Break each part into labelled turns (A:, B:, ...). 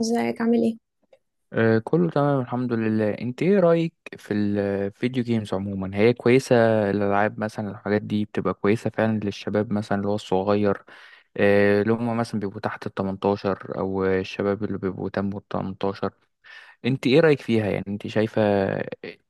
A: ازيك عامل ايه؟
B: كله تمام الحمد لله. انت ايه رأيك في الفيديو جيمز عموما؟ هي كويسة الألعاب مثلا؟ الحاجات دي بتبقى كويسة فعلا للشباب مثلا اللي هو الصغير؟ اللي هم مثلا بيبقوا تحت ال 18 او الشباب اللي بيبقوا تم ال 18، انت ايه رأيك فيها؟ يعني انت شايفة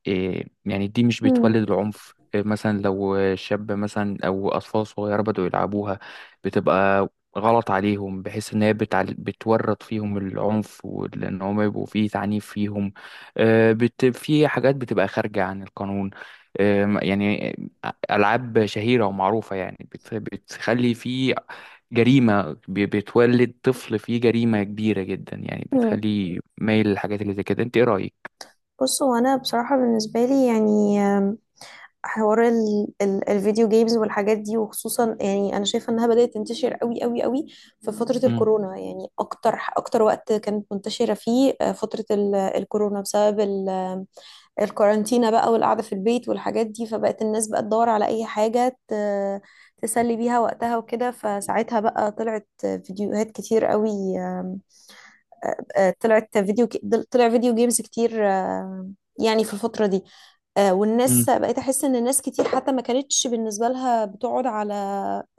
B: إيه؟ يعني دي مش
A: مم.
B: بتولد العنف؟ إيه مثلا لو شاب مثلا او اطفال صغيرة بدأوا يلعبوها بتبقى غلط عليهم، بحيث ان هي بتورط فيهم العنف، وان هم يبقوا فيه تعنيف فيهم. في حاجات بتبقى خارجة عن القانون. يعني ألعاب شهيرة ومعروفة، يعني بتخلي فيه جريمة، بتولد طفل فيه جريمة كبيرة جدا، يعني
A: مم.
B: بتخليه مايل للحاجات اللي زي كده. انت ايه رأيك؟
A: بص هو انا بصراحة بالنسبة لي يعني حوار ال الفيديو جيمز والحاجات دي، وخصوصا يعني انا شايفه انها بدات تنتشر قوي قوي قوي في فتره
B: مم.
A: الكورونا، يعني اكتر اكتر وقت كانت منتشره فيه فتره الكورونا بسبب الكورانتينا بقى والقعده في البيت والحاجات دي، فبقت الناس بقى تدور على اي حاجه تسلي بيها وقتها وكده. فساعتها بقى طلعت فيديوهات كتير قوي، آه، طلعت فيديو طلع فيديو جيمز كتير يعني في الفترة دي.
B: مم.
A: والناس بقيت، احس ان الناس كتير حتى ما كانتش بالنسبه لها بتقعد على،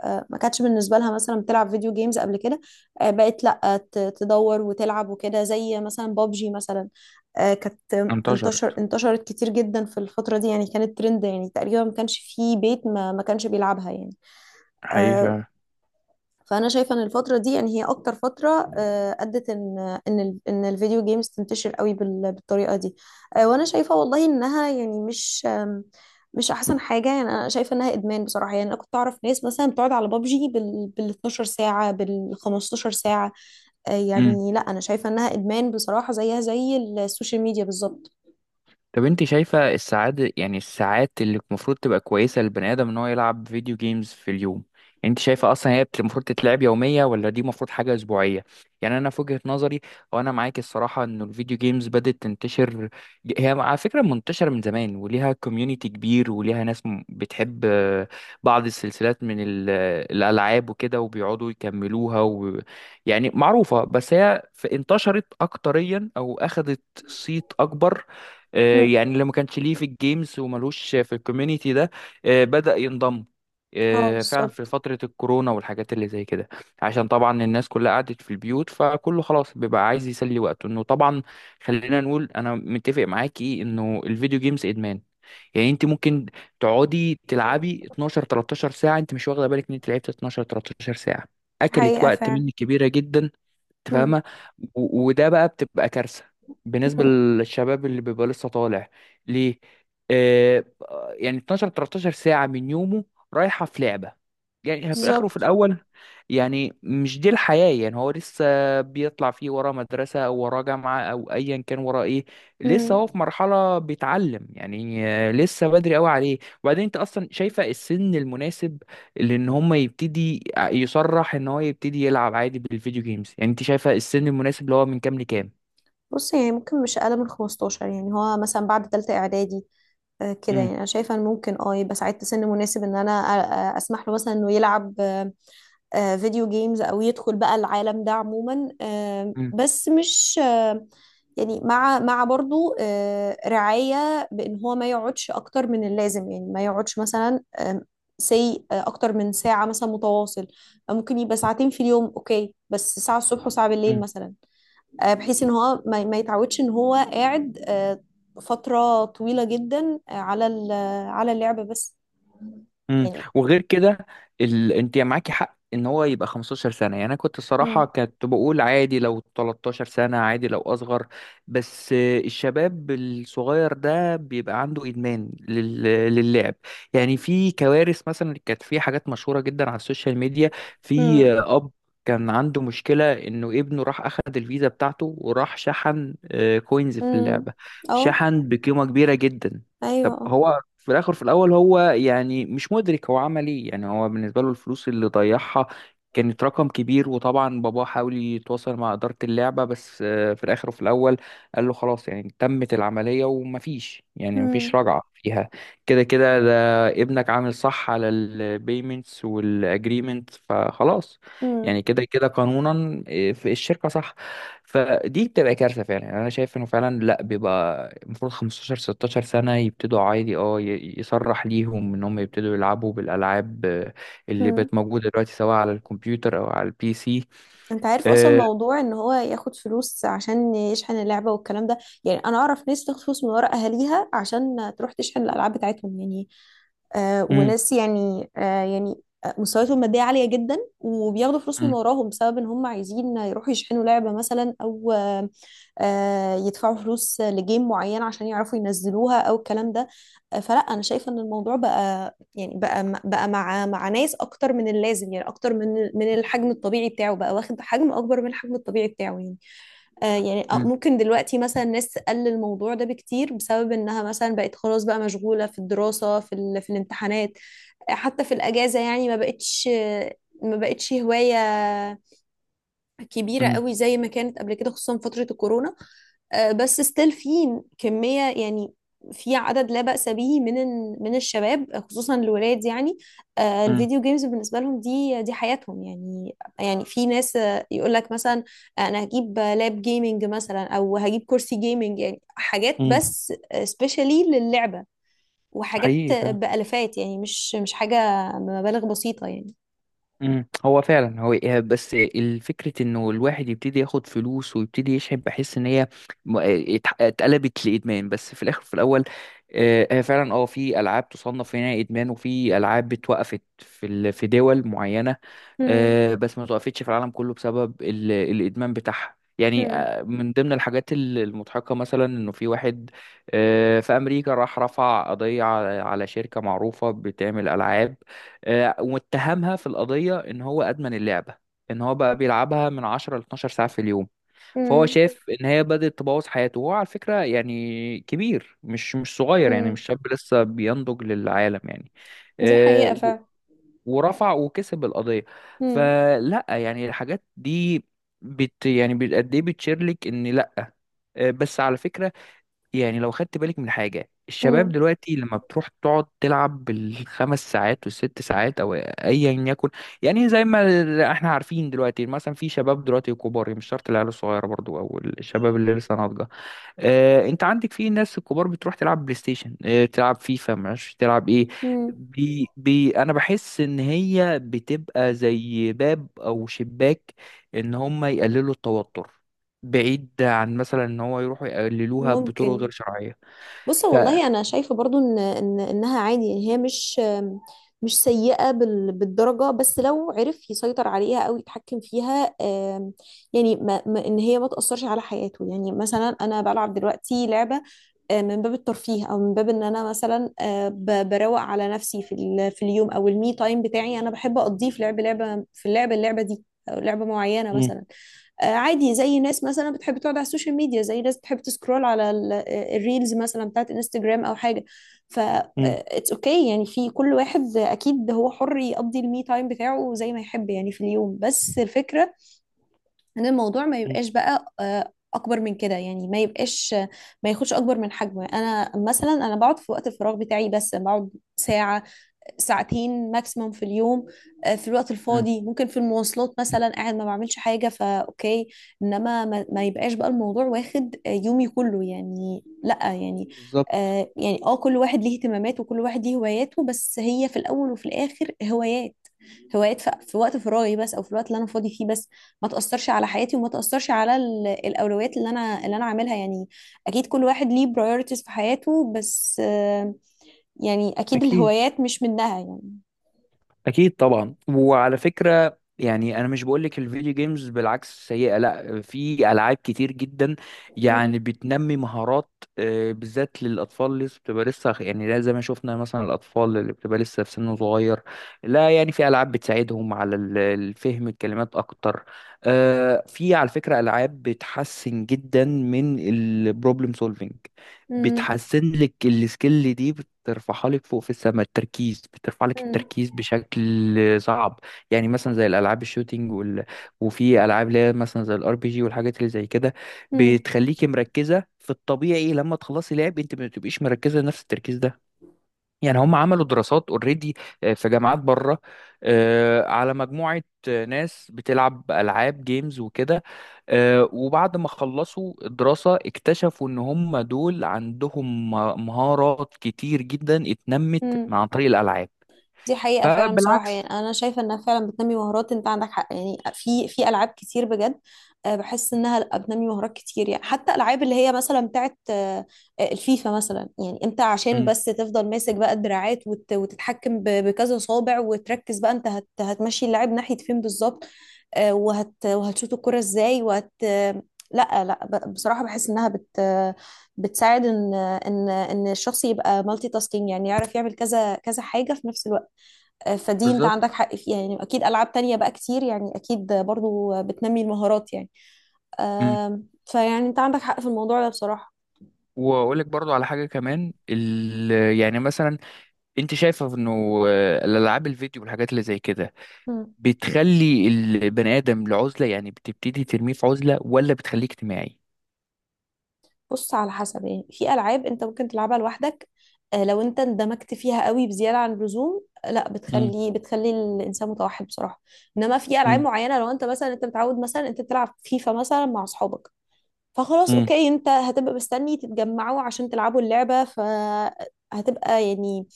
A: ما كانتش بالنسبه لها مثلا بتلعب فيديو جيمز قبل كده، بقت لا تدور وتلعب وكده، زي مثلا بابجي مثلا. كانت
B: انتشرت
A: انتشرت كتير جدا في الفتره دي، يعني كانت ترند، يعني تقريبا ما كانش في بيت ما كانش بيلعبها يعني. آه،
B: حقيقة.
A: فانا شايفه ان الفتره دي يعني هي اكتر فتره ادت ان ان الفيديو جيمز تنتشر قوي بالطريقه دي. وانا شايفه والله انها يعني مش، مش احسن حاجه. يعني انا شايفه انها ادمان بصراحه. يعني انا كنت اعرف ناس مثلا بتقعد على بابجي بال 12 ساعه، بال 15 ساعه. يعني لا، انا شايفه انها ادمان بصراحه، زيها زي السوشيال ميديا بالظبط.
B: طب انت شايفة السعادة، يعني الساعات اللي المفروض تبقى كويسة للبني آدم ان هو يلعب فيديو جيمز في اليوم؟ يعني انت شايفة اصلا هي المفروض تتلعب يومية، ولا دي المفروض حاجة اسبوعية؟ يعني انا في وجهة نظري، وانا معاك الصراحة، ان الفيديو جيمز بدأت تنتشر. هي على فكرة منتشرة من زمان وليها كوميونيتي كبير، وليها ناس بتحب بعض السلسلات من الالعاب وكده، وبيقعدوا يكملوها و... يعني معروفة. بس هي انتشرت اكتريا او اخذت صيت اكبر.
A: مم.
B: يعني اللي ما كانش ليه في الجيمز وملوش في الكوميونيتي ده، بدأ ينضم
A: اه،
B: فعلا في
A: بالظبط.
B: فترة الكورونا والحاجات اللي زي كده، عشان طبعا الناس كلها قعدت في البيوت، فكله خلاص بيبقى عايز يسلي وقته. انه طبعا خلينا نقول انا متفق معاكي انه الفيديو جيمز ادمان. يعني انت ممكن تقعدي تلعبي 12 13 ساعة، انت مش واخدة بالك ان انت لعبت 12 13 ساعة، اكلت
A: حقيقة
B: وقت
A: فعلا.
B: منك كبيرة جدا. انت
A: مم.
B: فاهمه؟ وده بقى بتبقى كارثه بالنسبه
A: مم.
B: للشباب اللي بيبقى لسه طالع ليه. آه، يعني 12 13 ساعه من يومه رايحه في لعبه، يعني في الاخر وفي
A: بالظبط.
B: الاول، يعني مش دي الحياه. يعني هو لسه بيطلع، فيه وراه مدرسه او وراه جامعه او ايا كان وراه ايه، لسه
A: مم.
B: هو في مرحله بيتعلم. يعني لسه بدري قوي عليه. وبعدين انت اصلا شايفه السن المناسب لان هم يبتدي يصرح ان هو يبتدي يلعب عادي بالفيديو جيمز؟ يعني انت شايفه السن المناسب اللي هو من كام لكام؟
A: بص، يعني ممكن مش اقل من 15، يعني هو مثلا بعد تالتة اعدادي كده. يعني انا شايفه ان ممكن اه يبقى ساعتها سن مناسب ان انا اسمح له مثلا انه يلعب فيديو جيمز، او يدخل بقى العالم ده عموما.
B: امم.
A: بس مش يعني، مع برضو رعاية بأن هو ما يقعدش أكتر من اللازم. يعني ما يقعدش مثلا سي أكتر من ساعة مثلا متواصل، أو ممكن يبقى ساعتين في اليوم، أوكي، بس ساعة الصبح وساعة بالليل مثلا. بحيث ان هو ما يتعودش ان هو قاعد فترة طويلة جدا على على اللعبة بس
B: امم.
A: يعني.
B: وغير كده انت معاكي حق ان هو يبقى 15 سنه. يعني انا كنت
A: مم.
B: الصراحه كنت بقول عادي لو 13 سنه، عادي لو اصغر، بس الشباب الصغير ده بيبقى عنده ادمان للعب. يعني في كوارث مثلا، كانت في حاجات مشهوره جدا على السوشيال ميديا. في
A: مم.
B: اب كان عنده مشكلة إنه ابنه راح أخد الفيزا بتاعته وراح شحن كوينز في
A: امم.
B: اللعبة،
A: اه.
B: شحن بقيمة كبيرة جدا.
A: ايوه.
B: طب
A: اه.
B: هو في الاخر في الاول هو يعني مش مدرك هو عمل ايه. يعني هو بالنسبه له الفلوس اللي ضيعها كانت رقم كبير، وطبعا باباه حاول يتواصل مع اداره اللعبه، بس في الاخر وفي الاول قال له خلاص، يعني تمت العمليه، ومفيش يعني مفيش
A: مم.
B: رجعه فيها. كده كده ده ابنك عامل صح على البيمنتس والاجريمنت، فخلاص.
A: مم.
B: يعني كده كده قانونا في الشركه صح. فدي بتبقى كارثة فعلا. يعني أنا شايف إنه فعلا لأ، بيبقى المفروض 15 16 سنة يبتدوا عادي. أه يصرح ليهم إن هم يبتدوا يلعبوا بالألعاب اللي
A: مم.
B: بقت موجودة دلوقتي سواء على الكمبيوتر أو على البي سي.
A: انت عارف اصلا
B: آه،
A: موضوع ان هو ياخد فلوس عشان يشحن اللعبة والكلام ده؟ يعني انا اعرف ناس تاخد فلوس من ورا اهاليها عشان تروح تشحن الالعاب بتاعتهم، يعني
B: أم،
A: وناس يعني يعني مستوياتهم المادية عالية جدا، وبياخدوا فلوس من
B: أم،
A: وراهم بسبب ان هم عايزين يروحوا يشحنوا لعبة مثلا، او يدفعوا فلوس لجيم معين عشان يعرفوا ينزلوها او الكلام ده. فلا، انا شايفة ان الموضوع بقى، يعني بقى مع ناس اكتر من اللازم، يعني اكتر من الحجم الطبيعي بتاعه، بقى واخد حجم اكبر من الحجم الطبيعي بتاعه يعني. يعني
B: أم،
A: ممكن دلوقتي مثلا ناس تقلل الموضوع ده بكتير، بسبب انها مثلا بقت خلاص بقى مشغولة في الدراسة، في في الامتحانات. حتى في الأجازة، يعني ما بقتش هواية كبيرة
B: أم،
A: قوي زي ما كانت قبل كده، خصوصا فترة الكورونا. بس ستيل في كمية يعني، في عدد لا بأس به من من الشباب، خصوصا الولاد يعني.
B: أم،
A: الفيديو جيمز بالنسبة لهم دي حياتهم يعني. يعني في ناس يقول لك مثلا انا هجيب لاب جيمنج مثلا، او هجيب كرسي جيمنج، يعني حاجات
B: أم.
A: بس سبيشالي للعبة، وحاجات
B: حقيقي فعلا.
A: بألفات يعني، مش حاجة بمبالغ بسيطة يعني.
B: مم. هو فعلا هو إيه، بس الفكرة انه الواحد يبتدي ياخد فلوس ويبتدي يشحن، بحس ان هي م- اتقلبت لادمان. بس في الاخر في الاول، هي فعلا اه في العاب تصنف هنا ادمان، وفي العاب اتوقفت في في دول معينة.
A: مم.
B: بس ما توقفتش في العالم كله بسبب الادمان بتاعها. يعني
A: مم.
B: من ضمن الحاجات المضحكة، مثلا انه في واحد في امريكا راح رفع قضية على على شركة معروفة بتعمل العاب، واتهمها في القضية إن هو أدمن اللعبة، إن هو بقى بيلعبها من 10 ل 12 ساعة في اليوم. فهو
A: مم.
B: شاف إن هي بدأت تبوظ حياته، وهو على فكرة يعني كبير، مش مش صغير، يعني
A: مم.
B: مش شاب لسه بينضج للعالم. يعني
A: دي
B: آه،
A: حقيقة
B: و-
A: فعلا.
B: ورفع وكسب القضية.
A: مم.
B: فلا يعني الحاجات دي قد إيه بتشير لك إن لا. بس على فكرة، يعني لو خدت بالك من حاجة، الشباب
A: مم.
B: دلوقتي لما بتروح تقعد تلعب بالخمس ساعات والست ساعات أو أيا يكن، يعني زي ما احنا عارفين دلوقتي مثلا في شباب دلوقتي كبار، مش شرط العيال الصغيرة برضو أو الشباب اللي لسه ناضجة. انت عندك في ناس الكبار بتروح تلعب بلاي ستيشن، تلعب فيفا، معرفش تلعب ايه.
A: مم.
B: بي انا بحس ان هي بتبقى زي باب او شباك ان هم يقللوا التوتر، بعيد عن مثلا ان هو يروحوا يقللوها بطرق
A: ممكن.
B: غير شرعية.
A: بص،
B: ف
A: والله انا شايفه برضو ان انها عادي، يعني هي مش سيئه بالدرجه، بس لو عرف يسيطر عليها او يتحكم فيها. يعني ان هي ما تاثرش على حياته، يعني مثلا انا بلعب دلوقتي لعبه من باب الترفيه، او من باب ان انا مثلا بروق على نفسي في في اليوم، او المي تايم بتاعي انا بحب اقضيه في لعب لعبه، في اللعبه دي او لعبه معينه
B: مم.
A: مثلا. عادي، زي ناس مثلا بتحب تقعد على السوشيال ميديا، زي ناس بتحب تسكرول على الريلز مثلا بتاعت انستجرام او حاجه. ف
B: مم.
A: اتس اوكي يعني، في كل واحد اكيد هو حر يقضي المي تايم بتاعه زي ما يحب يعني في اليوم، بس الفكره ان الموضوع ما
B: مم.
A: يبقاش بقى اكبر من كده، يعني ما يبقاش، ما ياخدش اكبر من حجمه. انا مثلا انا بقعد في وقت الفراغ بتاعي بس، بقعد ساعه ساعتين ماكسيمم في اليوم. في الوقت
B: مم.
A: الفاضي، ممكن في المواصلات مثلا قاعد ما بعملش حاجة، فأوكي. إنما ما يبقاش بقى الموضوع واخد يومي كله يعني، لأ يعني.
B: بالظبط.
A: يعني كل واحد ليه اهتمامات، وكل واحد ليه هواياته، بس هي في الأول وفي الآخر هوايات. في وقت فراغي بس، او في الوقت اللي انا فاضي فيه بس، ما تاثرش على حياتي وما تاثرش على الاولويات اللي انا اللي انا عاملها يعني. اكيد كل واحد ليه برايورتيز في حياته، بس يعني اكيد الهوايات مش منها يعني.
B: اكيد طبعا. وعلى فكره، يعني انا مش بقولك الفيديو جيمز بالعكس سيئه، لا، في العاب كتير جدا
A: مم.
B: يعني بتنمي مهارات، بالذات للاطفال اللي لسه بتبقى لسه يعني لا، زي ما شفنا مثلا الاطفال اللي بتبقى لسه في سن صغير، لا يعني في العاب بتساعدهم على الفهم الكلمات اكتر. في على فكره العاب بتحسن جدا من البروبلم سولفينج،
A: مم.
B: بتحسن لك السكيل دي، بترفعها لك فوق في السماء، التركيز بترفع لك
A: مم.
B: التركيز بشكل صعب. يعني مثلا زي الالعاب الشوتينج وفي العاب اللي هي مثلا زي الار بي جي والحاجات اللي زي كده،
A: مم.
B: بتخليكي مركزه. في الطبيعي لما تخلصي لعب انت ما بتبقيش مركزه نفس التركيز ده. يعني هم عملوا دراسات اوريدي في جامعات بره على مجموعة ناس بتلعب ألعاب جيمز وكده، وبعد ما خلصوا الدراسة اكتشفوا إن هم دول عندهم مهارات كتير جدا اتنمت
A: مم.
B: عن طريق الألعاب.
A: دي حقيقة فعلا بصراحة. يعني
B: فبالعكس.
A: أنا شايفة إنها فعلا بتنمي مهارات، أنت عندك حق، يعني في ألعاب كتير بجد بحس إنها لأ، بتنمي مهارات كتير، يعني حتى ألعاب اللي هي مثلا بتاعت الفيفا مثلا. يعني أنت عشان
B: مم،
A: بس تفضل ماسك بقى الدراعات، وتتحكم بكذا صابع، وتركز بقى أنت هتمشي اللاعب ناحية فين بالظبط، وهتشوط الكرة إزاي، وهت آه، لا لا، بصراحة بحس إنها بتساعد إن الشخص يبقى مالتي تاسكينج، يعني يعرف يعمل كذا كذا حاجة في نفس الوقت. فدي انت
B: بالظبط.
A: عندك حق فيها يعني، اكيد العاب تانية بقى كتير يعني، اكيد برضو بتنمي المهارات يعني.
B: مم.
A: فيعني انت عندك حق في الموضوع ده بصراحة.
B: واقول لك برضو على حاجه كمان يعني مثلا انت شايفه انه الالعاب الفيديو والحاجات اللي زي كده
A: مم.
B: بتخلي البني آدم لعزلة، يعني بتبتدي ترميه في عزلة، ولا بتخليه اجتماعي؟
A: بص، على حسب، يعني في العاب انت ممكن تلعبها لوحدك، لو انت اندمجت فيها قوي بزياده عن اللزوم، لا،
B: مم.
A: بتخلي الانسان متوحد بصراحه. انما في العاب
B: مم.
A: معينه، لو انت مثلا انت متعود مثلا انت تلعب فيفا مثلا مع اصحابك، فخلاص
B: مم.
A: اوكي، انت هتبقى مستني تتجمعوا عشان تلعبوا اللعبه، فهتبقى يعني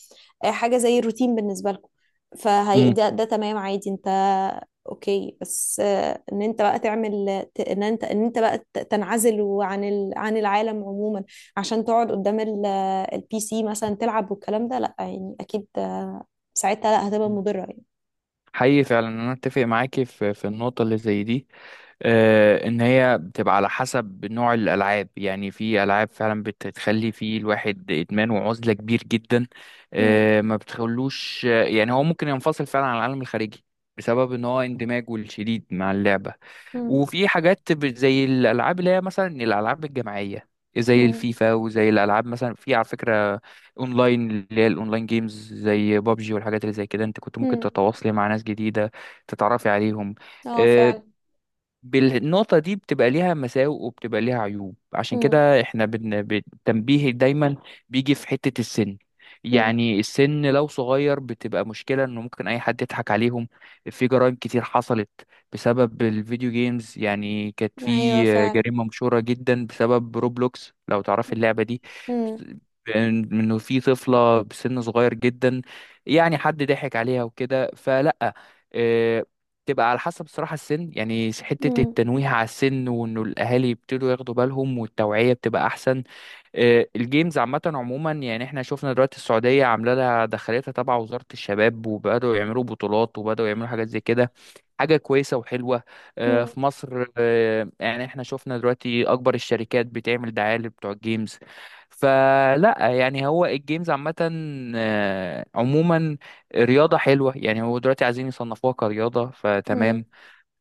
A: حاجة زي الروتين بالنسبة لكم. فهي
B: مم.
A: ده تمام عادي. انت اوكي، بس ان انت بقى تعمل ان انت، انت بقى تنعزل عن عن العالم عموما عشان تقعد قدام البي سي مثلا تلعب والكلام ده، لا يعني، اكيد ساعتها لا هتبقى
B: مم.
A: مضرة يعني.
B: حقيقي فعلا انا اتفق معاكي في في النقطه اللي زي دي. آه ان هي بتبقى على حسب نوع الالعاب. يعني في العاب فعلا بتخلي في الواحد ادمان وعزله كبير جدا.
A: مم.
B: آه ما بتخلوش، يعني هو ممكن ينفصل فعلا عن العالم الخارجي بسبب ان هو اندماجه الشديد مع اللعبه.
A: مم.
B: وفي حاجات زي الالعاب اللي هي مثلا الالعاب الجماعيه، زي
A: مم.
B: الفيفا وزي الالعاب مثلا، في على فكره اونلاين اللي هي الاونلاين جيمز زي بابجي والحاجات اللي زي كده، انت كنت ممكن
A: مم.
B: تتواصلي مع ناس جديده تتعرفي عليهم.
A: اه
B: آه،
A: فعلا.
B: بالنقطة دي بتبقى ليها مساوئ وبتبقى ليها عيوب، عشان
A: مم.
B: كده احنا بالتنبيه دايما بيجي في حتة السن.
A: مم.
B: يعني السن لو صغير بتبقى مشكلة، انه ممكن اي حد يضحك عليهم. في جرائم كتير حصلت بسبب الفيديو جيمز. يعني كانت
A: ايوه
B: في
A: فعلا.
B: جريمة مشهورة جدا بسبب روبلوكس، لو تعرف اللعبة دي،
A: مم.
B: انه في طفلة بسن صغير جدا يعني حد ضحك عليها وكده. فلا آه، تبقى على حسب صراحة السن. يعني حتة
A: مم.
B: التنويه على السن وإنه الأهالي يبتدوا ياخدوا بالهم والتوعية بتبقى أحسن. الجيمز عامة عموما، يعني احنا شفنا دلوقتي السعودية عاملة لها دخلتها تبع وزارة الشباب، وبدأوا يعملوا بطولات وبدأوا يعملوا حاجات زي كده، حاجة كويسة وحلوة.
A: مم.
B: في مصر، يعني احنا شفنا دلوقتي أكبر الشركات بتعمل دعاية لبتوع الجيمز. فلا يعني هو الجيمز عامة عموما رياضة حلوة، يعني هو دلوقتي عايزين يصنفوها كرياضة،
A: مم.
B: فتمام.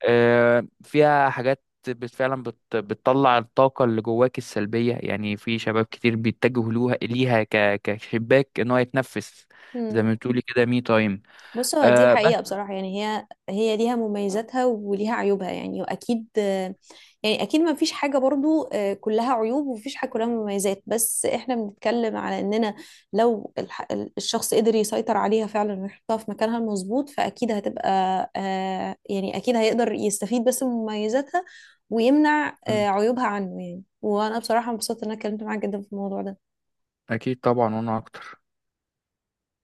B: فيها حاجات فعلا بتطلع الطاقة اللي جواك السلبية. يعني في شباب كتير بيتجهوا لوها ليها كشباك ان هو يتنفس، زي
A: مم.
B: ما بتقولي كده، مي تايم.
A: بص، هو دي
B: أه
A: حقيقة
B: بس.
A: بصراحة. يعني هي ليها مميزاتها وليها عيوبها يعني، وأكيد يعني، أكيد ما فيش حاجة برضو كلها عيوب، ومفيش حاجة كلها مميزات، بس إحنا بنتكلم على إننا لو الح- الشخص قدر يسيطر عليها فعلا ويحطها في مكانها المظبوط، فأكيد هتبقى يعني أكيد هيقدر يستفيد بس من مميزاتها، ويمنع
B: مم.
A: عيوبها عنه يعني. وأنا بصراحة مبسوطة إن أنا اتكلمت معاك جدا في الموضوع ده.
B: اكيد طبعا وانا اكتر